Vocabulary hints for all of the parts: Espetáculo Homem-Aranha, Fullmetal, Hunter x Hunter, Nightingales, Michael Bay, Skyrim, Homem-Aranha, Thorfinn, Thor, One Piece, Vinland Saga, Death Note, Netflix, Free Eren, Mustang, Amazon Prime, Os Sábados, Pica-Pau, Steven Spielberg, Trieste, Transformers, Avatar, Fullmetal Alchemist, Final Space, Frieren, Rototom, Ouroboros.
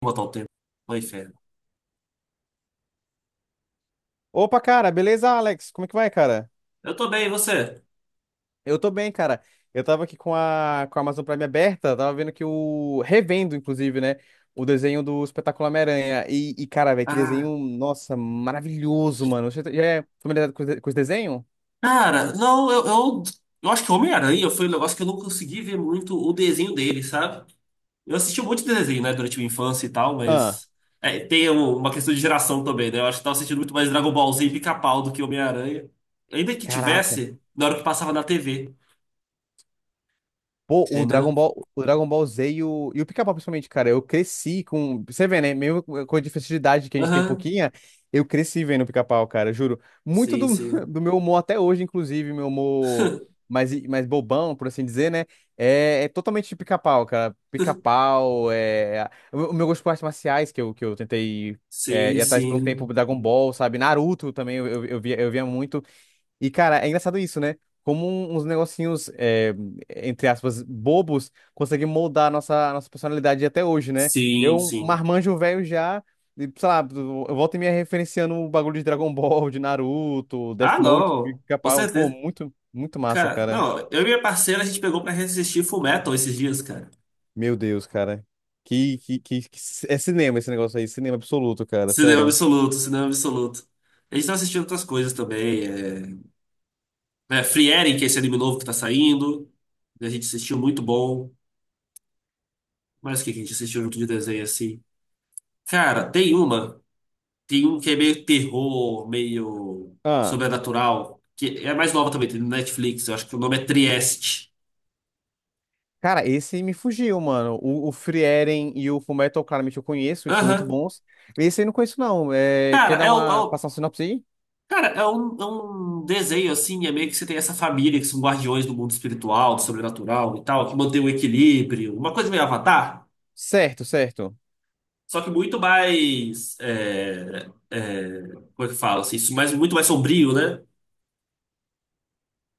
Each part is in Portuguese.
Vou botar o tempo. Oi, inferno. Opa, cara, beleza, Alex? Como é que vai, cara? Eu tô bem, e você? Eu tô bem, cara. Eu tava aqui com a Amazon Prime aberta, tava vendo que o. revendo, inclusive, né? O desenho do Espetáculo Homem-Aranha. E, cara, velho, que Ah, desenho, nossa, maravilhoso, mano. Você já é familiarizado com com esse desenho? cara, não, eu acho que Homem-Aranha foi um negócio que eu não consegui ver muito o desenho dele, sabe? Eu assisti muito desenho, né, durante minha infância e tal, Ah, mas é, tem uma questão de geração também, né? Eu acho que tava assistindo muito mais Dragon Ball Z e Pica-Pau do que Homem-Aranha. Ainda que caraca. tivesse, na hora que passava na TV, Pô, entendeu? O Dragon Ball Z e o Pica-Pau, principalmente, cara, eu cresci com. Você vê, né? Mesmo com a diferença de idade que a gente tem um Aham, pouquinho, eu cresci vendo o Pica-Pau, cara, juro. Muito sim, do, sim. do meu humor até hoje, inclusive, meu humor mais bobão, por assim dizer, né? É, totalmente de Pica-Pau, cara. Pica-Pau, é. O, meu gosto por artes marciais, que eu tentei Sim, ir atrás por um tempo, sim. Dragon Ball, sabe? Naruto também, eu via muito. E, cara, é engraçado isso, né? Como uns negocinhos, entre aspas, bobos, conseguem moldar a nossa personalidade até hoje, né? Sim, Eu, um sim. marmanjo velho já, e, sei lá, eu volto e me referenciando o bagulho de Dragon Ball, de Naruto, Ah, Death Note, não. Com pica-pau. Pô, certeza. muito, muito massa, Cara, cara. não, eu e minha parceira a gente pegou pra assistir Fullmetal esses dias, cara. Meu Deus, cara. Que, que, que, que- É cinema esse negócio aí, cinema absoluto, cara, Cinema sério. absoluto, cinema absoluto. A gente tá assistindo outras coisas também. É, Free Eren, que é esse anime novo que tá saindo. Né, a gente assistiu, muito bom. Mas o que que a gente assistiu junto de desenho assim? Cara, tem uma. Tem um que é meio terror, meio Ah. sobrenatural. Que é mais nova também, tem no Netflix. Eu acho que o nome é Trieste. Cara, esse me fugiu, mano. O Frieren e o Fullmetal, claramente eu conheço, eles são muito Aham. bons. Esse aí eu não conheço, não. É, quer Cara, é, o- é, passar uma sinopse aí? Cara, é um desenho assim, é meio que você tem essa família que são guardiões do mundo espiritual, do sobrenatural e tal, que mantém o equilíbrio, uma coisa meio Avatar, Certo, certo. só que muito mais, como é que fala assim, isso mais, muito mais sombrio, né?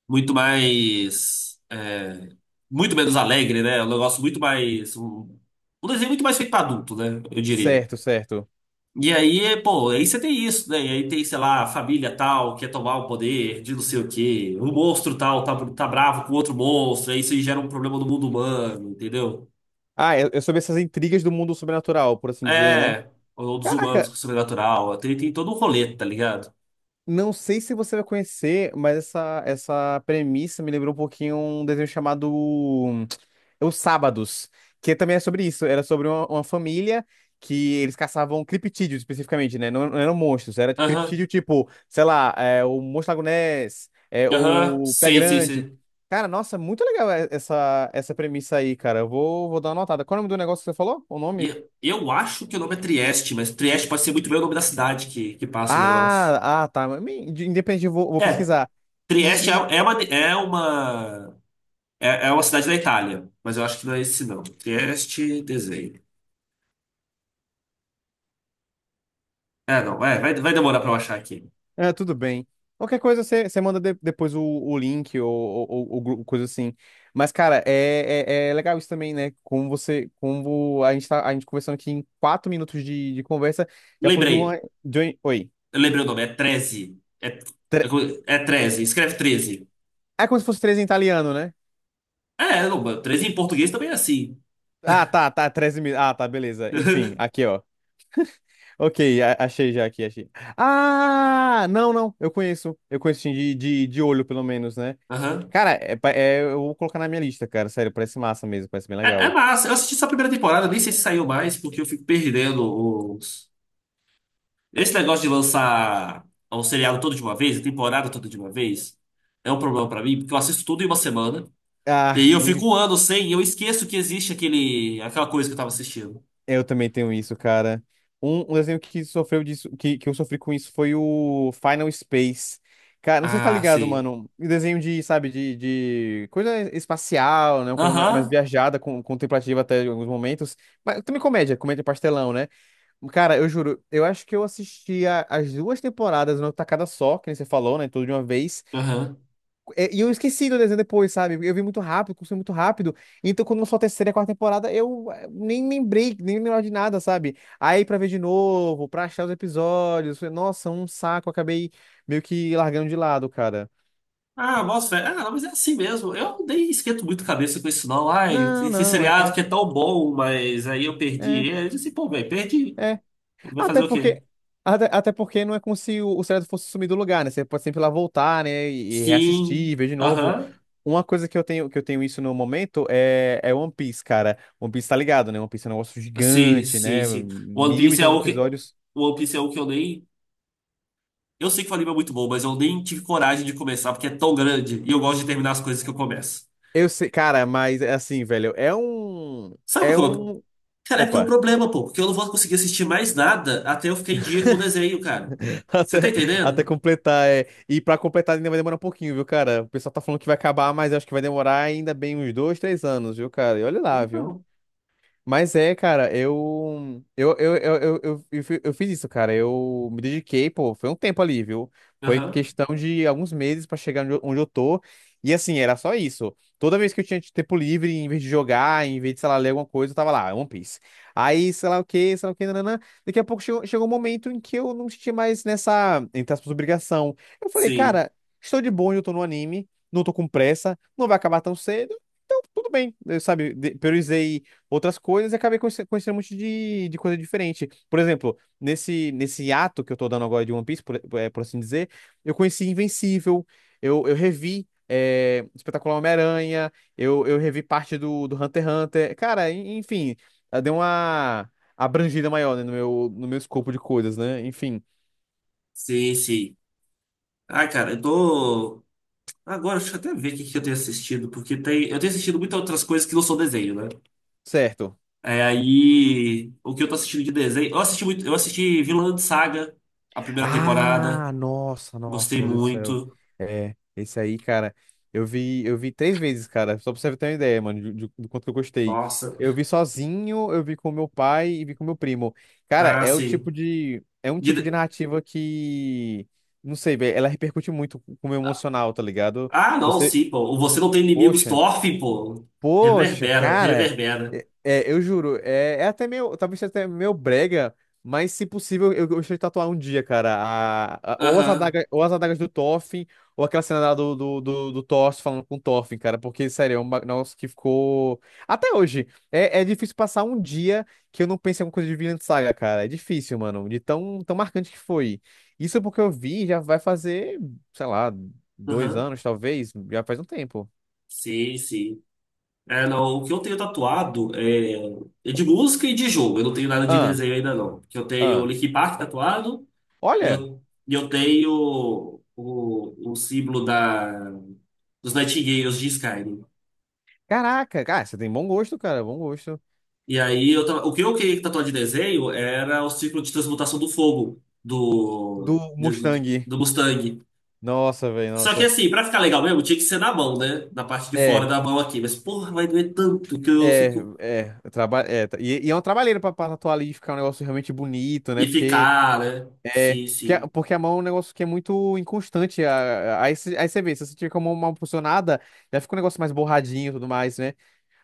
Muito mais, é, muito menos alegre, né? É um negócio muito mais, um desenho muito mais feito pra adulto, né? Eu diria. Certo, certo. E aí, pô, aí você tem isso, né? E aí tem, sei lá, a família tal quer tomar o poder de não sei o quê. O monstro tal tá bravo com outro monstro. Aí isso aí gera um problema no mundo humano, entendeu? Ah, é sobre essas intrigas do mundo sobrenatural, por assim dizer, né? É, ou dos humanos Caraca, com o sobrenatural. Tem todo um rolê, tá ligado? não sei se você vai conhecer, mas essa premissa me lembrou um pouquinho um desenho chamado Os Sábados, que também é sobre isso. Era sobre uma família que eles caçavam criptídeos especificamente, né? Não, não eram monstros, era Aham, criptídeo tipo, sei lá, o Monstro Lago Ness, aham, o Pé sim, sim, Grande. sim. Cara, nossa, muito legal essa premissa aí, cara. Eu vou dar uma notada. Qual é o nome do negócio que você falou? O nome? E eu acho que o nome é Trieste, mas Trieste pode ser muito bem o nome da cidade que passa o negócio. Ah, ah, tá. Mas, independente, eu vou É, pesquisar. Trieste E, é uma cidade da Itália, mas eu acho que não é esse não. Trieste, desenho. Ah, não, vai demorar pra eu achar aqui. Tudo bem. Qualquer coisa você manda depois o link ou coisa assim. Mas, cara, é legal isso também, né? Como a gente conversando aqui em 4 minutos de conversa, já falou de Lembrei, uma, de um- oi. eu lembrei o nome, é treze. É, Tre- é 13, escreve 13. É como se fosse três em italiano, né? É, não, 13 em português também é assim. Ah, tá, tá, 13 mil. Ah, tá, beleza. Enfim, aqui, ó. Ok, achei já aqui, achei. Ah, não, não, eu conheço. Eu conheço sim, de olho, pelo menos, né? Aham. Cara, eu vou colocar na minha lista, cara. Sério, parece massa mesmo, parece bem É, é legal. massa, eu assisti só a primeira temporada, nem sei se saiu mais, porque eu fico perdendo os... Esse negócio de lançar um seriado todo de uma vez, a temporada toda de uma vez, é um problema pra mim, porque eu assisto tudo em uma semana, e Ah, aí eu fico um ano sem, e eu esqueço que existe aquele, aquela coisa que eu tava assistindo. eu também tenho isso, cara. Um desenho que sofreu disso, que eu sofri com isso foi o Final Space. Cara, não sei se tá Ah, ligado, sim. mano. Um desenho de, sabe, de coisa espacial, né? Uma coisa mais Aham, viajada, contemplativa até em alguns momentos. Mas também comédia, comédia pastelão, né? Cara, eu juro, eu acho que eu assisti as duas temporadas numa tacada só, que nem você falou, né? Tudo de uma vez. aham. E eu esqueci do desenho depois, sabe? Eu vi muito rápido, consumi muito rápido. Então, quando lançou a terceira e a quarta temporada, nem lembrei, nem lembrava de nada, sabe? Aí, pra ver de novo, pra achar os episódios, foi, nossa, um saco, acabei meio que largando de lado, cara. Ah, nossa, é, ah, mas é assim mesmo. Eu nem esquento muito a cabeça com isso, não. Ai, Não, esse não, seriado é. que é tão bom, mas aí eu É, perdi ele. Eu disse, pô, velho, perdi. é. Vai fazer Até o quê? porque, até porque não é como se o seriado fosse sumir do lugar, né? Você pode sempre ir lá voltar, né? E, Sim, reassistir, ver de novo. aham. Uma coisa que eu tenho isso no momento é One Piece, cara. One Piece tá ligado, né? One Piece é um negócio Sim, gigante, sim, né? sim. One Mil e Piece é tantos o que. episódios. One Piece é o que eu nem. Eu sei que o anime é muito bom, mas eu nem tive coragem de começar, porque é tão grande e eu gosto de terminar as coisas que eu começo. Eu sei, cara, mas é assim, velho, é um. Sabe É qual que é o. um. Cara, é porque é um Opa, problema, pô, porque eu não vou conseguir assistir mais nada até eu ficar em dia com o desenho, cara. Você tá até, até entendendo? completar, é. E pra completar ainda vai demorar um pouquinho, viu, cara? O pessoal tá falando que vai acabar, mas eu acho que vai demorar ainda bem uns 2, 3 anos, viu, cara? E olha lá, viu? Então. Mas é, cara, eu fiz isso, cara. Eu me dediquei, pô, foi um tempo ali, viu? Foi Aham. questão de alguns meses pra chegar onde eu tô. E assim, era só isso. Toda vez que eu tinha tempo livre, em vez de jogar, em vez de, sei lá, ler alguma coisa, eu tava lá, One Piece. Aí, sei lá o quê, sei lá o quê, nananã. Daqui a pouco chegou um momento em que eu não senti mais nessa, entre aspas, obrigação. Eu falei, Sim. cara, estou de bom eu tô no anime, não tô com pressa, não vai acabar tão cedo. Então, tudo bem, eu, sabe, priorizei outras coisas e acabei conhecendo um monte de coisa diferente. Por exemplo, nesse ato que eu tô dando agora de One Piece, por assim dizer, eu conheci Invencível, eu revi Espetacular Homem-Aranha, eu revi parte do Hunter x Hunter. Cara, enfim, deu uma abrangida maior, né, no meu escopo de coisas, né? Enfim, Sim, sim. Ah, cara, eu tô. Agora, deixa eu até ver o que que eu tenho assistido, porque tem... eu tenho assistido muitas outras coisas que não são desenho, né? certo. É, aí, o que eu tô assistindo de desenho. Eu assisti muito... eu assisti Vinland Saga, a primeira temporada. Ah, nossa, nossa, Gostei meu Deus do céu. muito. É, esse aí, cara, eu vi 3 vezes, cara, só pra você ter uma ideia, mano, do quanto que eu gostei. Nossa. Eu vi sozinho, eu vi com meu pai e vi com meu primo. Cara, Ah, sim. É um tipo de De- narrativa que, não sei, velho, ela repercute muito com o meu emocional, tá ligado? ah, não, Você, sim, pô. O você não tem inimigos, poxa. Thorfinn, pô. Poxa, Reverbera, cara, reverbera. Eu juro, é até meio, talvez seja até meio brega, mas se possível eu gostaria de tatuar um dia, cara, ou as Aham, adagas, ou as adagas do Thorfinn, ou aquela cena lá do Thor falando com o Thorfinn, cara, porque, sério, é um negócio que ficou... Até hoje, é difícil passar um dia que eu não pense em alguma coisa de Vinland Saga, cara, é difícil, mano, de tão, tão marcante que foi. Isso é porque eu vi, já vai fazer, sei lá, dois aham. anos, talvez, já faz um tempo. Sim, sim. É, não, o que eu tenho tatuado é, é de música e de jogo. Eu não tenho nada de Ah, desenho ainda, não. Porque eu tenho o ah. Linkin Park tatuado e Olha... eu tenho o símbolo da, dos Nightingales de Skyrim. Caraca, cara, você tem bom gosto, cara, bom gosto. E aí, o que eu queria tatuar de desenho era o ciclo de transmutação do fogo Do Mustang. do Mustang. Nossa, velho, Só que nossa. assim, pra ficar legal mesmo, tinha que ser na mão, né? Na parte de fora É, da mão aqui. Mas, porra, vai doer tanto que eu é, fico... é. Eu Traba é tá- E é uma trabalheira pra tatuar ali e ficar um negócio realmente bonito, né? E Porque ficar, né? é. Sim, Porque, a- sim, porque a mão é um negócio que é muito inconstante. Aí, você vê, se você tiver com a mão mal posicionada, já fica um negócio mais borradinho e tudo mais, né?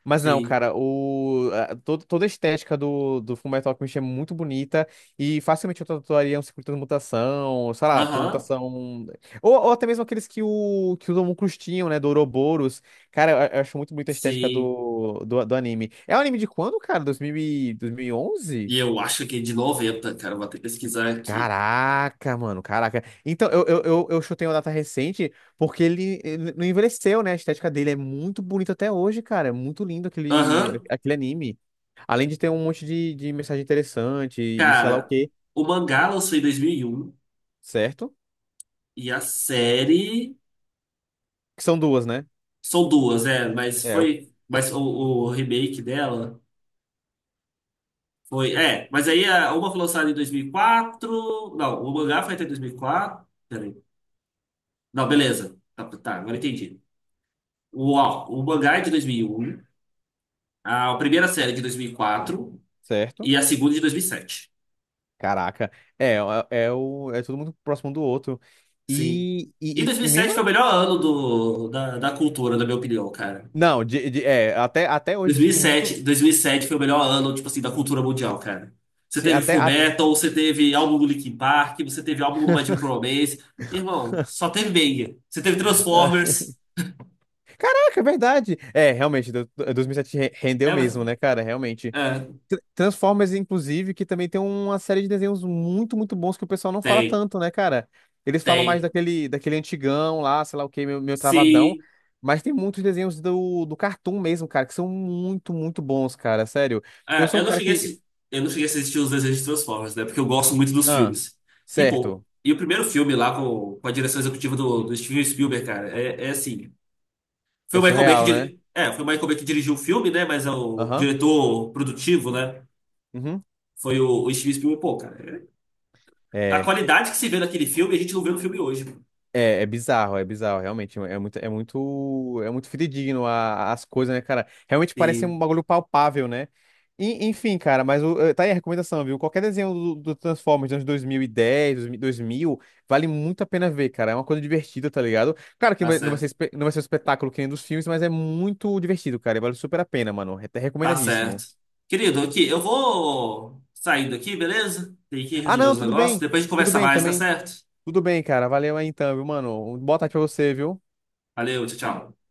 Mas não, sim. cara, toda a estética do Fullmetal Alchemist é muito bonita e facilmente eu tatuaria um ciclo de transmutação, sei lá, Aham, transmutação. Ou até mesmo aqueles que os homúnculos tinham, né, do Ouroboros. Cara, eu acho muito bonita a estética sim. do anime. É um anime de quando, cara? 2000, 2011. E eu acho que é de noventa, cara. Vou até pesquisar aqui. Caraca, mano, caraca. Então, eu chutei uma data recente porque ele não envelheceu, né? A estética dele é muito bonita até hoje, cara. É muito lindo aquele, Aham, aquele anime. Além de ter um monte de mensagem interessante e sei lá o cara. quê, O mangá lançou em dois mil e um certo? e a série. Que são duas, né? São duas, é, mas É, foi. Mas o remake dela foi. É, mas uma foi lançada em dois mil e quatro. Não, o mangá foi até 2004. Peraí. Não, beleza. Tá, tá, agora entendi. O mangá é de dois mil e um, a primeira série é de dois mil e quatro certo? e a segunda é de dois mil e sete. Caraca. É, é tudo muito próximo um do outro. Sim. E, E e, dois mil e, e e mesmo. sete foi o melhor ano da cultura, na minha opinião, cara. Não, até hoje, tipo, muito. Dois mil e sete foi o melhor ano, tipo assim, da cultura mundial, cara. Você Sim, teve até. Full Metal, você teve álbum do Linkin Park, você teve álbum do My Chemical Romance. Irmão, só teve banger. Você teve Transformers. Caraca, é verdade. É, realmente, 2007 rendeu É, mas- mesmo, né, cara? Realmente. é, Transformers, inclusive, que também tem uma série de desenhos muito, muito bons que o pessoal não fala tem, tanto, né, cara? Eles falam mais tem. daquele antigão lá, sei lá o que meu travadão. Sim. Mas tem muitos desenhos do Cartoon mesmo, cara, que são muito, muito bons, cara. Sério. Eu É, sou eu um não cara cheguei a, que. Eu não cheguei a assistir os desenhos de Transformers, né? Porque eu gosto muito dos Ah, filmes. E, pô, certo. e o primeiro filme lá com a direção executiva do Steven Spielberg, cara, é, é assim. Foi É o Michael Bay que surreal, né? diri... É, foi o Michael Bay que dirigiu o filme, né? Mas é o Aham. diretor produtivo, né? Uhum. Foi o Steven Spielberg. Pô, cara, é- a É, qualidade que se vê naquele filme, a gente não vê no filme hoje, mano. É, é bizarro, realmente. É muito, é muito, é muito fidedigno as coisas, né, cara? Realmente parece Sim, um bagulho palpável, né? Enfim, cara, mas tá aí a recomendação, viu? Qualquer desenho do Transformers dos anos 2010, vale muito a pena ver, cara. É uma coisa divertida, tá ligado? Claro que tá certo. Não vai ser um espetáculo que nem dos filmes, mas é muito divertido, cara. E vale super a pena, mano. É Tá certo. recomendadíssimo. Querido, aqui, eu vou saindo aqui, beleza? Tem que Ah, resolver não, os tudo negócios. bem. Depois a gente Tudo conversa bem mais, tá também. certo? Tudo bem, cara. Valeu aí então, viu, mano? Boa tarde pra você, viu? Valeu, tchau, tchau.